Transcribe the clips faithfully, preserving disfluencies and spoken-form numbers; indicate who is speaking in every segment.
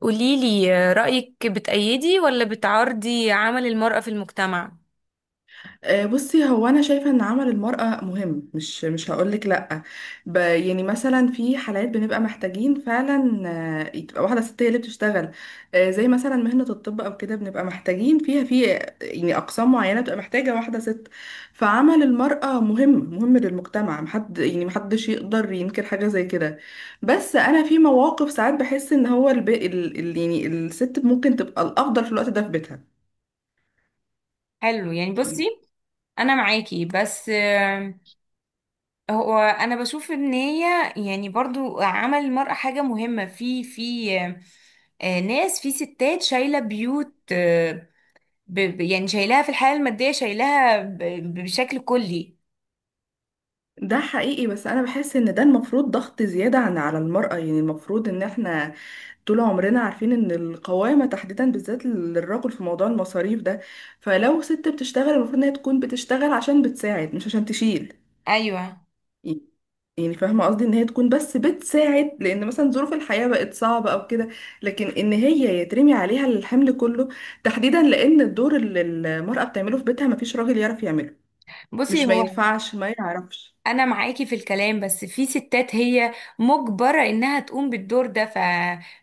Speaker 1: قوليلي آه، رأيك بتأيدي ولا بتعارضي عمل المرأة في المجتمع؟
Speaker 2: آه، بصي هو انا شايفه ان عمل المراه مهم، مش مش هقولك لا. ب يعني مثلا في حالات بنبقى محتاجين فعلا آه، تبقى واحده ست هي اللي بتشتغل. آه، زي مثلا مهنه الطب او كده بنبقى محتاجين فيها في يعني اقسام معينه بتبقى محتاجه واحده ست. فعمل المراه مهم، مهم للمجتمع. محد يعني محدش يقدر ينكر حاجه زي كده. بس انا في مواقف ساعات بحس ان هو الب... ال... ال... يعني الست ممكن تبقى الافضل في الوقت ده في بيتها
Speaker 1: حلو، يعني بصي.
Speaker 2: يعني.
Speaker 1: انا معاكي بس آه، هو انا بشوف ان هي يعني برضو عمل المرأة حاجة مهمة في في آه، آه، ناس في ستات شايلة بيوت آه، ب- ب- يعني شايلاها في الحياة المادية شايلاها ب- بشكل كلي.
Speaker 2: ده حقيقي بس انا بحس ان ده المفروض ضغط زيادة عن على المرأة. يعني المفروض ان احنا طول عمرنا عارفين ان القوامة تحديدا بالذات للرجل في موضوع المصاريف ده. فلو ست بتشتغل المفروض ان هي تكون بتشتغل عشان بتساعد مش عشان تشيل.
Speaker 1: ايوه،
Speaker 2: يعني فاهمة قصدي ان هي تكون بس بتساعد لان مثلا ظروف الحياة بقت صعبة او كده، لكن ان هي يترمي عليها الحمل كله تحديدا لان الدور اللي المرأة بتعمله في بيتها مفيش راجل يعرف يعمله.
Speaker 1: بصي.
Speaker 2: مش ما
Speaker 1: هو
Speaker 2: ينفعش ما يعرفش.
Speaker 1: انا معاكي في الكلام بس في ستات هي مجبرة انها تقوم بالدور ده ف...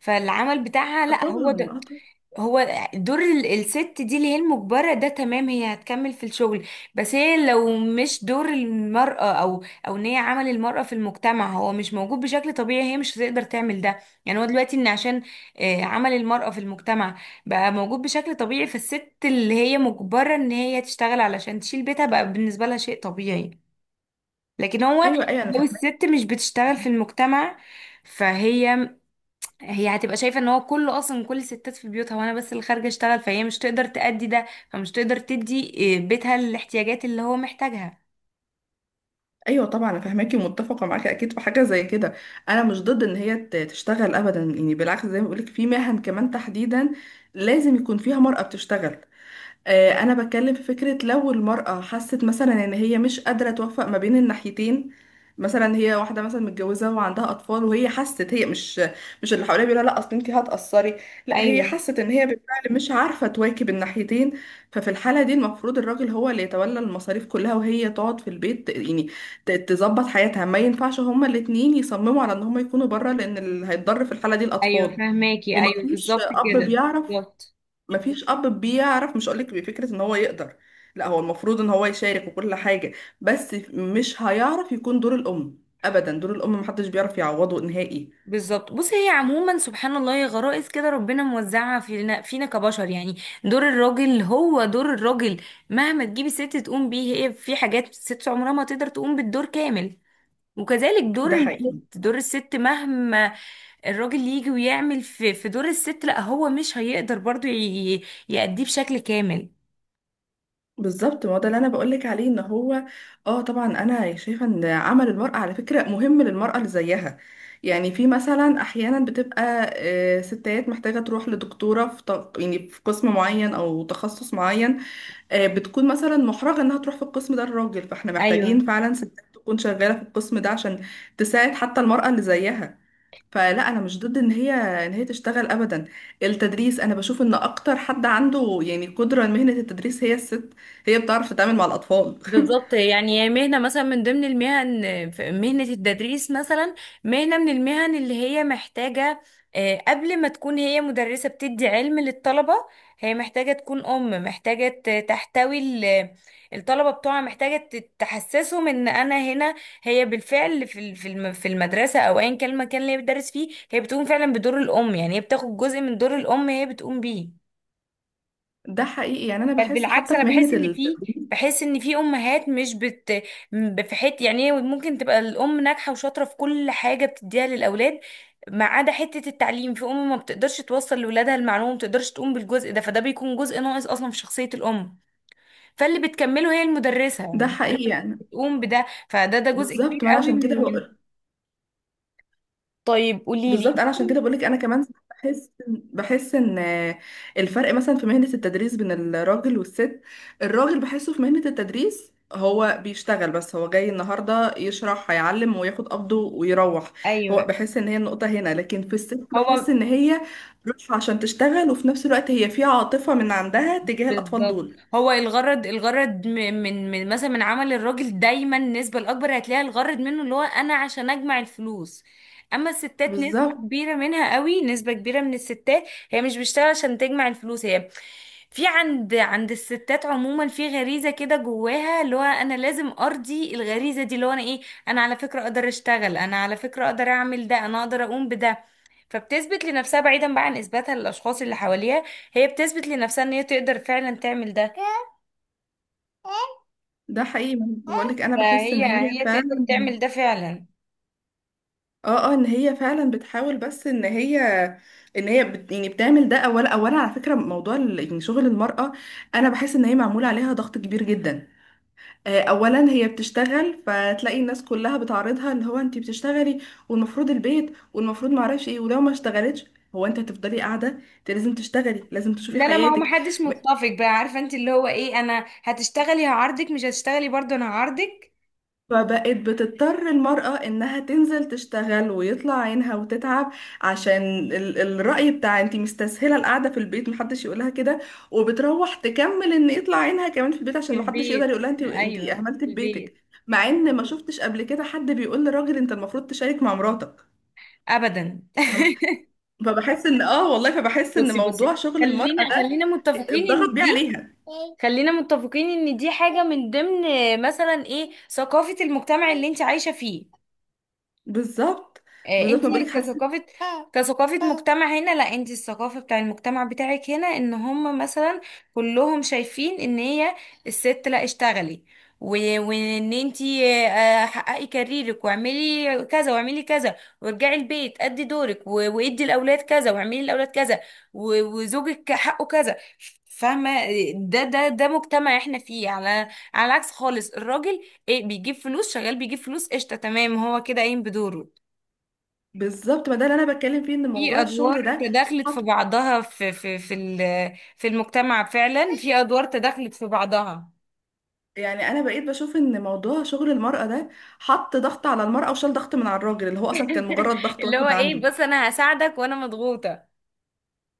Speaker 1: فالعمل بتاعها
Speaker 2: طبعا
Speaker 1: لا، هو ده.
Speaker 2: اه، طبعا اه.
Speaker 1: هو دور ال- الست دي اللي هي المجبرة ده، تمام هي هتكمل في الشغل. بس هي لو مش دور المرأة او او ان هي عمل المرأة في المجتمع هو مش موجود بشكل طبيعي، هي مش هتقدر تعمل ده. يعني هو دلوقتي ان عشان آه، عمل المرأة في المجتمع بقى موجود بشكل طبيعي، فالست اللي هي مجبرة ان هي تشتغل علشان تشيل بيتها بقى بالنسبة لها شيء طبيعي. لكن هو
Speaker 2: ايوه ايوه، انا
Speaker 1: لو
Speaker 2: فاهمك.
Speaker 1: الست مش بتشتغل في المجتمع، فهي هي هتبقى شايفة ان هو كله اصلا كل الستات في بيوتها وانا بس اللي خارجة اشتغل، فهي مش تقدر تأدي ده، فمش تقدر تدي إيه، بيتها الاحتياجات اللي هو محتاجها.
Speaker 2: ايوه طبعا، انا فاهماكي ومتفقه معاكي اكيد في حاجه زي كده. انا مش ضد ان هي ت- تشتغل ابدا، يعني بالعكس زي ما بقولك في مهن كمان تحديدا لازم يكون فيها مرأة بتشتغل. آه، انا بتكلم في فكرة لو المرأة حست مثلا ان هي مش قادرة توفق ما بين الناحيتين. مثلا هي واحدة مثلا متجوزة وعندها أطفال وهي حست هي مش مش اللي حواليها بيقولها لا أصل انتي هتقصري، لا هي
Speaker 1: ايوه،
Speaker 2: حست ان هي بالفعل مش عارفة تواكب الناحيتين. ففي الحالة دي المفروض الراجل هو اللي يتولى المصاريف كلها وهي تقعد في البيت يعني ت- تظبط حياتها. ما ينفعش هما الاتنين يصمموا على ان هما يكونوا بره لأن اللي هيتضر في الحالة دي
Speaker 1: ايوه،
Speaker 2: الأطفال.
Speaker 1: فهماكي، ايوه
Speaker 2: ومفيش
Speaker 1: بالظبط
Speaker 2: أب
Speaker 1: كده.
Speaker 2: بيعرف.
Speaker 1: بالظبط.
Speaker 2: مفيش اب بيعرف، مش هقولك بفكره ان هو يقدر، لا هو المفروض ان هو يشارك وكل حاجه، بس مش هيعرف يكون دور الام، ابدا دور الام محدش بيعرف يعوضه نهائي.
Speaker 1: بالظبط، بص هي عموما سبحان الله، هي غرائز كده ربنا موزعها فينا فينا كبشر يعني. دور الراجل هو دور الراجل، مهما تجيبي ست تقوم بيه، هي في حاجات الست عمرها ما تقدر تقوم بالدور كامل. وكذلك دور
Speaker 2: ده
Speaker 1: الست،
Speaker 2: حقيقي.
Speaker 1: دور الست مهما الراجل يجي ويعمل في في دور الست، لا هو مش هيقدر برضو ي- ي- يأديه بشكل كامل.
Speaker 2: بالظبط ما هو ده اللي انا بقولك عليه ان هو اه طبعا، انا شايفه ان عمل المراه على فكره مهم للمراه اللي زيها. يعني في مثلا احيانا بتبقى آه، ستات محتاجه تروح لدكتوره في ط- يعني في قسم معين او تخصص معين. آه، بتكون مثلا محرجة انها تروح في القسم ده الراجل، فاحنا
Speaker 1: ايوه
Speaker 2: محتاجين فعلا ستات تكون شغالة في القسم ده عشان تساعد حتى المرأة اللي زيها. فلا انا مش ضد ان هي ان هي تشتغل ابدا. التدريس انا بشوف ان اكتر حد عنده يعني قدرة لمهنة التدريس هي الست، هي بتعرف تتعامل مع الاطفال.
Speaker 1: بالظبط. يعني هي مهنة مثلا، من ضمن المهن في مهنة التدريس مثلا، مهنة من المهن اللي هي محتاجة آه، قبل ما تكون هي مدرسة بتدي علم للطلبة، هي محتاجة تكون أم، محتاجة ت- تحتوي ال- الطلبة بتوعها، محتاجة ت- تحسسهم إن أنا هنا. هي بالفعل في ال- في الم- في المدرسة أو أيا كان المكان اللي هي بتدرس فيه، هي بتقوم فعلا بدور الأم. يعني هي بتاخد جزء من دور الأم هي بتقوم بيه.
Speaker 2: ده حقيقي، يعني انا
Speaker 1: بل
Speaker 2: بحس
Speaker 1: بالعكس،
Speaker 2: حتى
Speaker 1: انا
Speaker 2: في مهنة
Speaker 1: بحس ان في
Speaker 2: التدريس
Speaker 1: بحس ان في امهات مش بت ب- في حته يعني ممكن تبقى الام ناجحه وشاطره في كل حاجه بتديها للاولاد، ما عدا حته التعليم. في ام ما بتقدرش توصل لاولادها المعلومه، ما بتقدرش تقوم بالجزء ده، فده بيكون جزء ناقص اصلا في شخصيه الام. فاللي بتكمله هي المدرسه، يعني
Speaker 2: ده حقيقي
Speaker 1: المدرسه
Speaker 2: يعني.
Speaker 1: بتقوم بده، فده ده جزء كبير
Speaker 2: بالظبط ما أنا
Speaker 1: قوي
Speaker 2: عشان
Speaker 1: من
Speaker 2: كده.
Speaker 1: من- طيب قولي لي.
Speaker 2: بالظبط انا عشان كده بقولك انا كمان بحس، بحس ان الفرق مثلا في مهنة التدريس بين الراجل والست، الراجل بحسه في مهنة التدريس هو بيشتغل بس، هو جاي النهارده يشرح هيعلم وياخد قبضه ويروح. هو
Speaker 1: ايوه
Speaker 2: بحس ان هي النقطة هنا، لكن في الست بحس
Speaker 1: هو
Speaker 2: ان هي رايحة عشان تشتغل وفي نفس الوقت هي في عاطفة من عندها تجاه الاطفال
Speaker 1: بالظبط.
Speaker 2: دول.
Speaker 1: هو الغرض، الغرض م- من من مثلا من عمل الراجل دايما، النسبة الأكبر هتلاقي الغرض منه اللي هو أنا عشان أجمع الفلوس. أما الستات نسبة
Speaker 2: بالظبط.
Speaker 1: كبيرة منها قوي، نسبة كبيرة من الستات هي مش بتشتغل عشان تجمع الفلوس. هي في عند عند الستات عموما في غريزة كده جواها، اللي هو أنا لازم أرضي الغريزة دي، اللي هو أنا إيه أنا على فكرة أقدر أشتغل، أنا على فكرة أقدر أعمل ده، أنا أقدر أقوم بده. فبتثبت لنفسها بعيدا بقى عن اثباتها للاشخاص اللي حواليها، هي بتثبت لنفسها ان هي تقدر فعلا تعمل ده.
Speaker 2: ده حقيقي، بقولك انا بحس ان
Speaker 1: فهي
Speaker 2: هي
Speaker 1: هي تقدر
Speaker 2: فعلا.
Speaker 1: تعمل ده فعلا.
Speaker 2: اه اه، ان هي فعلا بتحاول، بس ان هي ان هي بت يعني بتعمل ده. اولا اولا على فكره موضوع ال- يعني شغل المراه انا بحس ان هي معمول عليها ضغط كبير جدا. آه، اولا هي بتشتغل فتلاقي الناس كلها بتعارضها، اللي هو انت بتشتغلي والمفروض البيت والمفروض ما اعرفش ايه. ولو ما اشتغلتش هو انت هتفضلي قاعده؟ انت لازم تشتغلي، لازم تشوفي
Speaker 1: لا، لا، ما هو
Speaker 2: حياتك.
Speaker 1: محدش متفق بقى، عارفه انت اللي هو ايه انا هتشتغلي هعارضك، مش هتشتغلي برضه انا هعارضك.
Speaker 2: فبقت بتضطر المرأة إنها تنزل تشتغل ويطلع عينها وتتعب عشان ال الرأي بتاع انتي مستسهلة القعدة في البيت محدش يقولها كده. وبتروح تكمل إن يطلع عينها كمان في البيت
Speaker 1: في
Speaker 2: عشان محدش يقدر
Speaker 1: البيت.
Speaker 2: يقولها انتي انتي
Speaker 1: ايوه،
Speaker 2: أهملت في
Speaker 1: في
Speaker 2: بيتك.
Speaker 1: البيت.
Speaker 2: مع إن ما شفتش قبل كده حد بيقول لراجل انت المفروض تشارك مع مراتك.
Speaker 1: ابدا.
Speaker 2: فاهمة؟ فبحس إن آه والله فبحس إن
Speaker 1: بصي بصي،
Speaker 2: موضوع شغل المرأة
Speaker 1: خلينا
Speaker 2: ده
Speaker 1: خلينا متفقين
Speaker 2: اتضغط
Speaker 1: ان
Speaker 2: بيه
Speaker 1: دي
Speaker 2: عليها.
Speaker 1: خلينا متفقين ان دي حاجة من ضمن مثلا ايه ثقافة المجتمع اللي انت عايشة فيه.
Speaker 2: بالظبط.
Speaker 1: آه،
Speaker 2: بالظبط
Speaker 1: انت
Speaker 2: ما بقولك حسيت.
Speaker 1: كثقافة كثقافة مجتمع هنا. لا، انت الثقافة بتاع المجتمع بتاعك هنا، ان هم مثلا كلهم شايفين ان هي الست، لا اشتغلي و- وان انت آه، حققي كاريرك واعملي كذا واعملي كذا، وارجعي البيت ادي دورك و- وادي الاولاد كذا واعملي الاولاد كذا، و- وزوجك حقه كذا، فاهمة؟ ده ده ده مجتمع احنا فيه، على على العكس خالص. الراجل ايه بيجيب فلوس، شغال بيجيب فلوس، قشطة، تمام هو كده قايم بدوره.
Speaker 2: بالظبط ما ده اللي أنا بتكلم فيه إن
Speaker 1: في
Speaker 2: موضوع
Speaker 1: ادوار
Speaker 2: الشغل ده،
Speaker 1: تداخلت في بعضها، في في في ال- في المجتمع فعلا في ادوار تداخلت في بعضها.
Speaker 2: يعني انا بقيت بشوف ان موضوع شغل المرأة ده حط ضغط على المرأة وشال ضغط من على الراجل اللي هو اصلا كان مجرد ضغط
Speaker 1: اللي هو
Speaker 2: واحد
Speaker 1: ايه
Speaker 2: عنده.
Speaker 1: بص انا هساعدك وانا مضغوطة.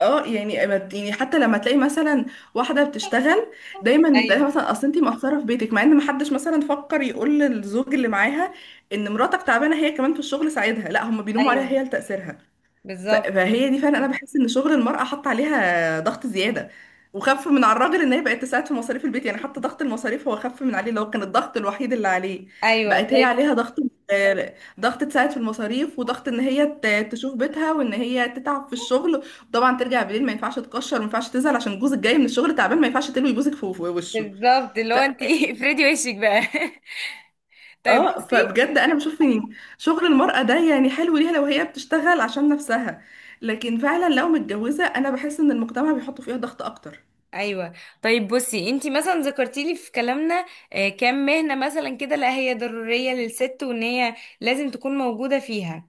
Speaker 2: اه يعني أبد- يعني حتى لما تلاقي مثلا واحدة بتشتغل دايما يتقالها
Speaker 1: ايوه،
Speaker 2: مثلا اصل انتي مقصرة في بيتك، مع ان محدش مثلا فكر يقول للزوج اللي معاها ان مراتك تعبانة هي كمان في الشغل ساعدها، لا هم بيلوموا عليها
Speaker 1: ايوه
Speaker 2: هي لتقصيرها. ف-
Speaker 1: بالظبط.
Speaker 2: فهي دي فعلا انا بحس ان شغل المرأة حط عليها ضغط زيادة وخف من على الراجل ان هي بقت تساعد في مصاريف البيت. يعني حتى ضغط المصاريف هو خف من عليه اللي هو كان الضغط الوحيد اللي عليه.
Speaker 1: ايوه
Speaker 2: بقت هي
Speaker 1: طيب.
Speaker 2: عليها ضغط، آه، ضغط تساعد في المصاريف وضغط ان هي ت- تشوف بيتها وان هي تتعب في الشغل. طبعا ترجع بالليل ما ينفعش تكشر، ما ينفعش تزعل عشان جوزك جاي من الشغل تعبان، ما ينفعش تلوي جوزك في في وشه.
Speaker 1: بالظبط، اللي هو انت إيه، افردي وشك بقى طيب
Speaker 2: اه
Speaker 1: بصي.
Speaker 2: فبجد انا بشوف ان شغل المرأة ده يعني حلو ليها لو هي بتشتغل عشان نفسها، لكن فعلا لو متجوزة انا بحس ان المجتمع بيحط فيها ضغط اكتر.
Speaker 1: ايوه طيب بصي، انت مثلا ذكرتي لي في كلامنا آه، كام مهنه مثلا كده لا هي ضروريه للست وان هي لازم تكون موجوده فيها.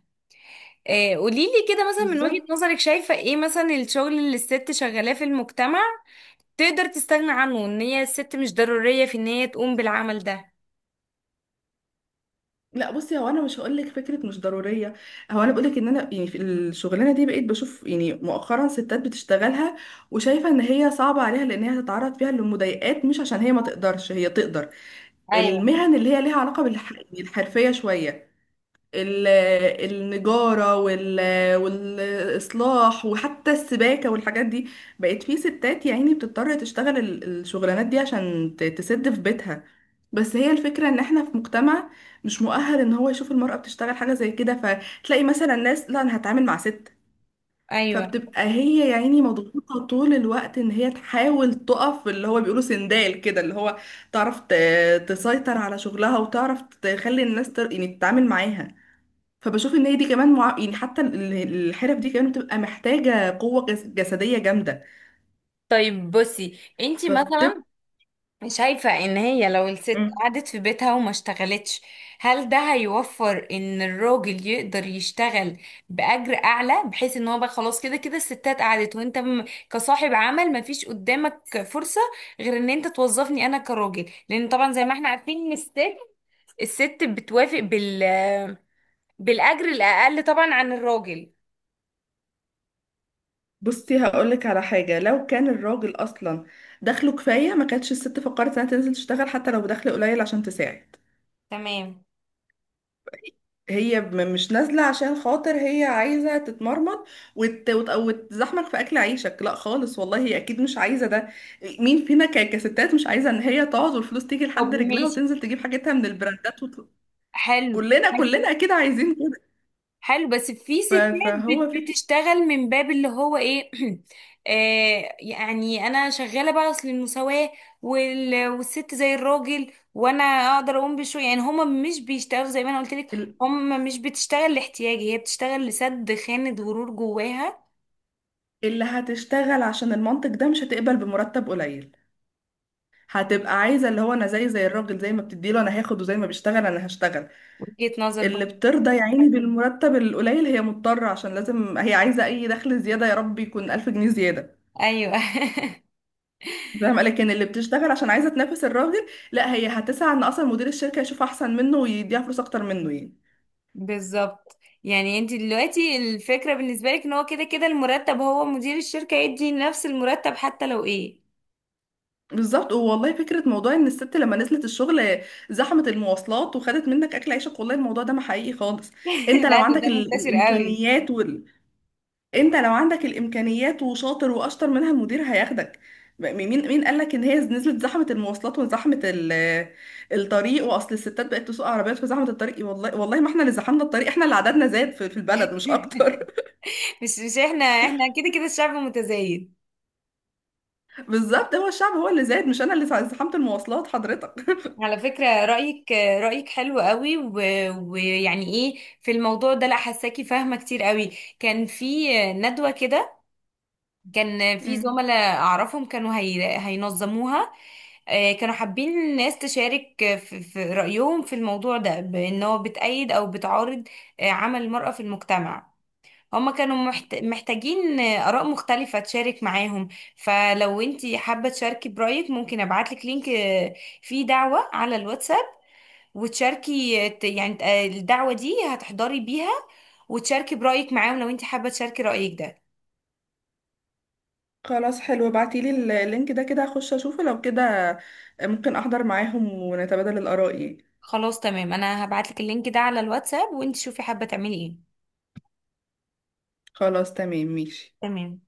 Speaker 1: آه، قوليلي كده مثلا، من وجهة
Speaker 2: بالظبط.
Speaker 1: نظرك شايفة ايه مثلا الشغل اللي الست شغالاه في المجتمع تقدر تستغنى عنه، ان هي الست مش ضرورية في ان هي تقوم بالعمل ده.
Speaker 2: لا بصي، هو انا مش هقول لك فكره مش ضروريه. هو انا بقول لك ان انا يعني في الشغلانه دي بقيت بشوف يعني مؤخرا ستات بتشتغلها وشايفه ان هي صعبه عليها لان هي تتعرض فيها لمضايقات، مش عشان هي ما تقدرش، هي تقدر.
Speaker 1: ايوه،
Speaker 2: المهن اللي هي ليها علاقه بالحرفيه شويه، ال- النجارة وال- والإصلاح وحتى السباكة والحاجات دي، بقت في ستات يا عيني بتضطر تشتغل ال- الشغلانات دي عشان ت- تسد في بيتها. بس هي الفكرة ان احنا في مجتمع مش مؤهل ان هو يشوف المرأة بتشتغل حاجة زي كده، فتلاقي مثلا ناس لا انا هتعامل مع ست.
Speaker 1: ايوه.
Speaker 2: فبتبقى هي يا عيني مضغوطة طول الوقت ان هي تحاول تقف اللي هو بيقولوا سندال كده، اللي هو تعرف ت- تسيطر على شغلها وتعرف تخلي الناس تر- يعني تتعامل معاها. فبشوف ان هي دي كمان مع... يعني حتى ال- الحرف دي كمان بتبقى محتاجة قوة جس- جسدية جامدة.
Speaker 1: طيب بصي انتي
Speaker 2: فبتبقى.
Speaker 1: مثلا، شايفة ان هي لو الست
Speaker 2: مم.
Speaker 1: قعدت في بيتها وما اشتغلتش، هل ده هيوفر ان الراجل يقدر يشتغل بأجر اعلى، بحيث ان هو بقى خلاص كده كده الستات قعدت، وانت م- كصاحب عمل ما فيش قدامك فرصة غير ان انت توظفني انا كراجل، لان طبعا زي ما احنا عارفين ان الست، الست بتوافق بال بالأجر الاقل طبعا عن الراجل.
Speaker 2: بصي هقولك على حاجة، لو كان الراجل أصلا دخله كفاية ما كانتش الست فكرت إنها تنزل تشتغل حتى لو بدخل قليل عشان تساعد.
Speaker 1: تمام.
Speaker 2: هي م- مش نازلة عشان خاطر هي عايزة تتمرمط وت... وت... وتزحمك في أكل عيشك، لا خالص والله هي أكيد مش عايزة ده. مين فينا ك... كستات مش عايزة إن هي تقعد والفلوس تيجي
Speaker 1: طب
Speaker 2: لحد رجلها
Speaker 1: ماشي.
Speaker 2: وتنزل تجيب حاجتها من البراندات وت...
Speaker 1: حلو،
Speaker 2: كلنا كلنا اكيد عايزين.
Speaker 1: حلو بس في
Speaker 2: ف-
Speaker 1: ستات
Speaker 2: فهو
Speaker 1: بت-
Speaker 2: فكرة
Speaker 1: بتشتغل من باب اللي هو ايه آه يعني انا شغاله بقى اصل المساواه وال- والست زي الراجل وانا اقدر اقوم بشويه، يعني هما مش بيشتغلوا زي ما انا قلت لك.
Speaker 2: ال-
Speaker 1: هما مش بتشتغل لاحتياج، هي بتشتغل لسد خانه غرور جواها.
Speaker 2: اللي هتشتغل عشان المنطق ده مش هتقبل بمرتب قليل، هتبقى عايزة اللي هو أنا زي زي الراجل، زي ما بتديله أنا هاخد وزي ما بيشتغل أنا هشتغل.
Speaker 1: وجهه نظر
Speaker 2: اللي
Speaker 1: بقى.
Speaker 2: بترضى يا عيني بالمرتب القليل هي مضطرة عشان لازم هي عايزة أي دخل زيادة، يا رب يكون ألف جنيه زيادة.
Speaker 1: ايوه
Speaker 2: فاهمة؟ لكن اللي بتشتغل عشان عايزة تنافس الراجل لا هي هتسعى إن أصلا مدير الشركة يشوف أحسن منه ويديها فلوس أكتر منه يعني.
Speaker 1: بالظبط. يعني انت دلوقتي الفكره بالنسبه لك ان هو كده كده المرتب، هو مدير الشركه يدي نفس المرتب حتى لو ايه.
Speaker 2: بالظبط والله. فكرة موضوع ان الست لما نزلت الشغل زحمت المواصلات وخدت منك اكل عيشك، والله الموضوع ده ما حقيقي خالص. انت لو
Speaker 1: لا، ده
Speaker 2: عندك
Speaker 1: ده
Speaker 2: ال-
Speaker 1: منتشر قوي.
Speaker 2: الامكانيات وال... انت لو عندك الامكانيات وشاطر واشطر منها المدير هياخدك. م- مين مين قال لك ان هي نزلت زحمة المواصلات وزحمة ال- الطريق واصل الستات بقت تسوق عربيات في زحمة الطريق؟ والله والله ما احنا اللي زحمنا الطريق، احنا اللي عددنا زاد في في البلد مش اكتر.
Speaker 1: مش مش احنا احنا كده كده الشعب متزايد.
Speaker 2: بالظبط، هو الشعب هو اللي زاد مش انا اللي زحمت المواصلات حضرتك.
Speaker 1: على فكرة رأيك رأيك حلو قوي، و- ويعني ايه في الموضوع ده، لا حساكي فاهمة كتير قوي. كان في ندوة كده، كان في
Speaker 2: مم.
Speaker 1: زملاء اعرفهم كانوا هي هينظموها. آه، كانوا حابين الناس تشارك في في رأيهم في الموضوع ده بأن هو بتأيد او بتعارض آه، عمل المرأة في المجتمع. هما كانوا محت... محتاجين آراء مختلفة تشارك معاهم. فلو انتي حابة تشاركي برأيك، ممكن ابعتلك لينك آه، فيه دعوة على الواتساب، وتشاركي آه، ت- يعني آه، الدعوة دي هتحضري بيها وتشاركي برأيك معاهم لو انتي حابة تشاركي رأيك ده.
Speaker 2: خلاص حلو ابعتيلي اللينك ده كده هخش اشوفه، لو كده ممكن احضر معاهم ونتبادل الاراء يعني.
Speaker 1: خلاص تمام، انا هبعتلك اللينك ده على الواتساب وانتي شوفي حابة تعملي ايه.
Speaker 2: خلاص تمام ماشي.
Speaker 1: تمام.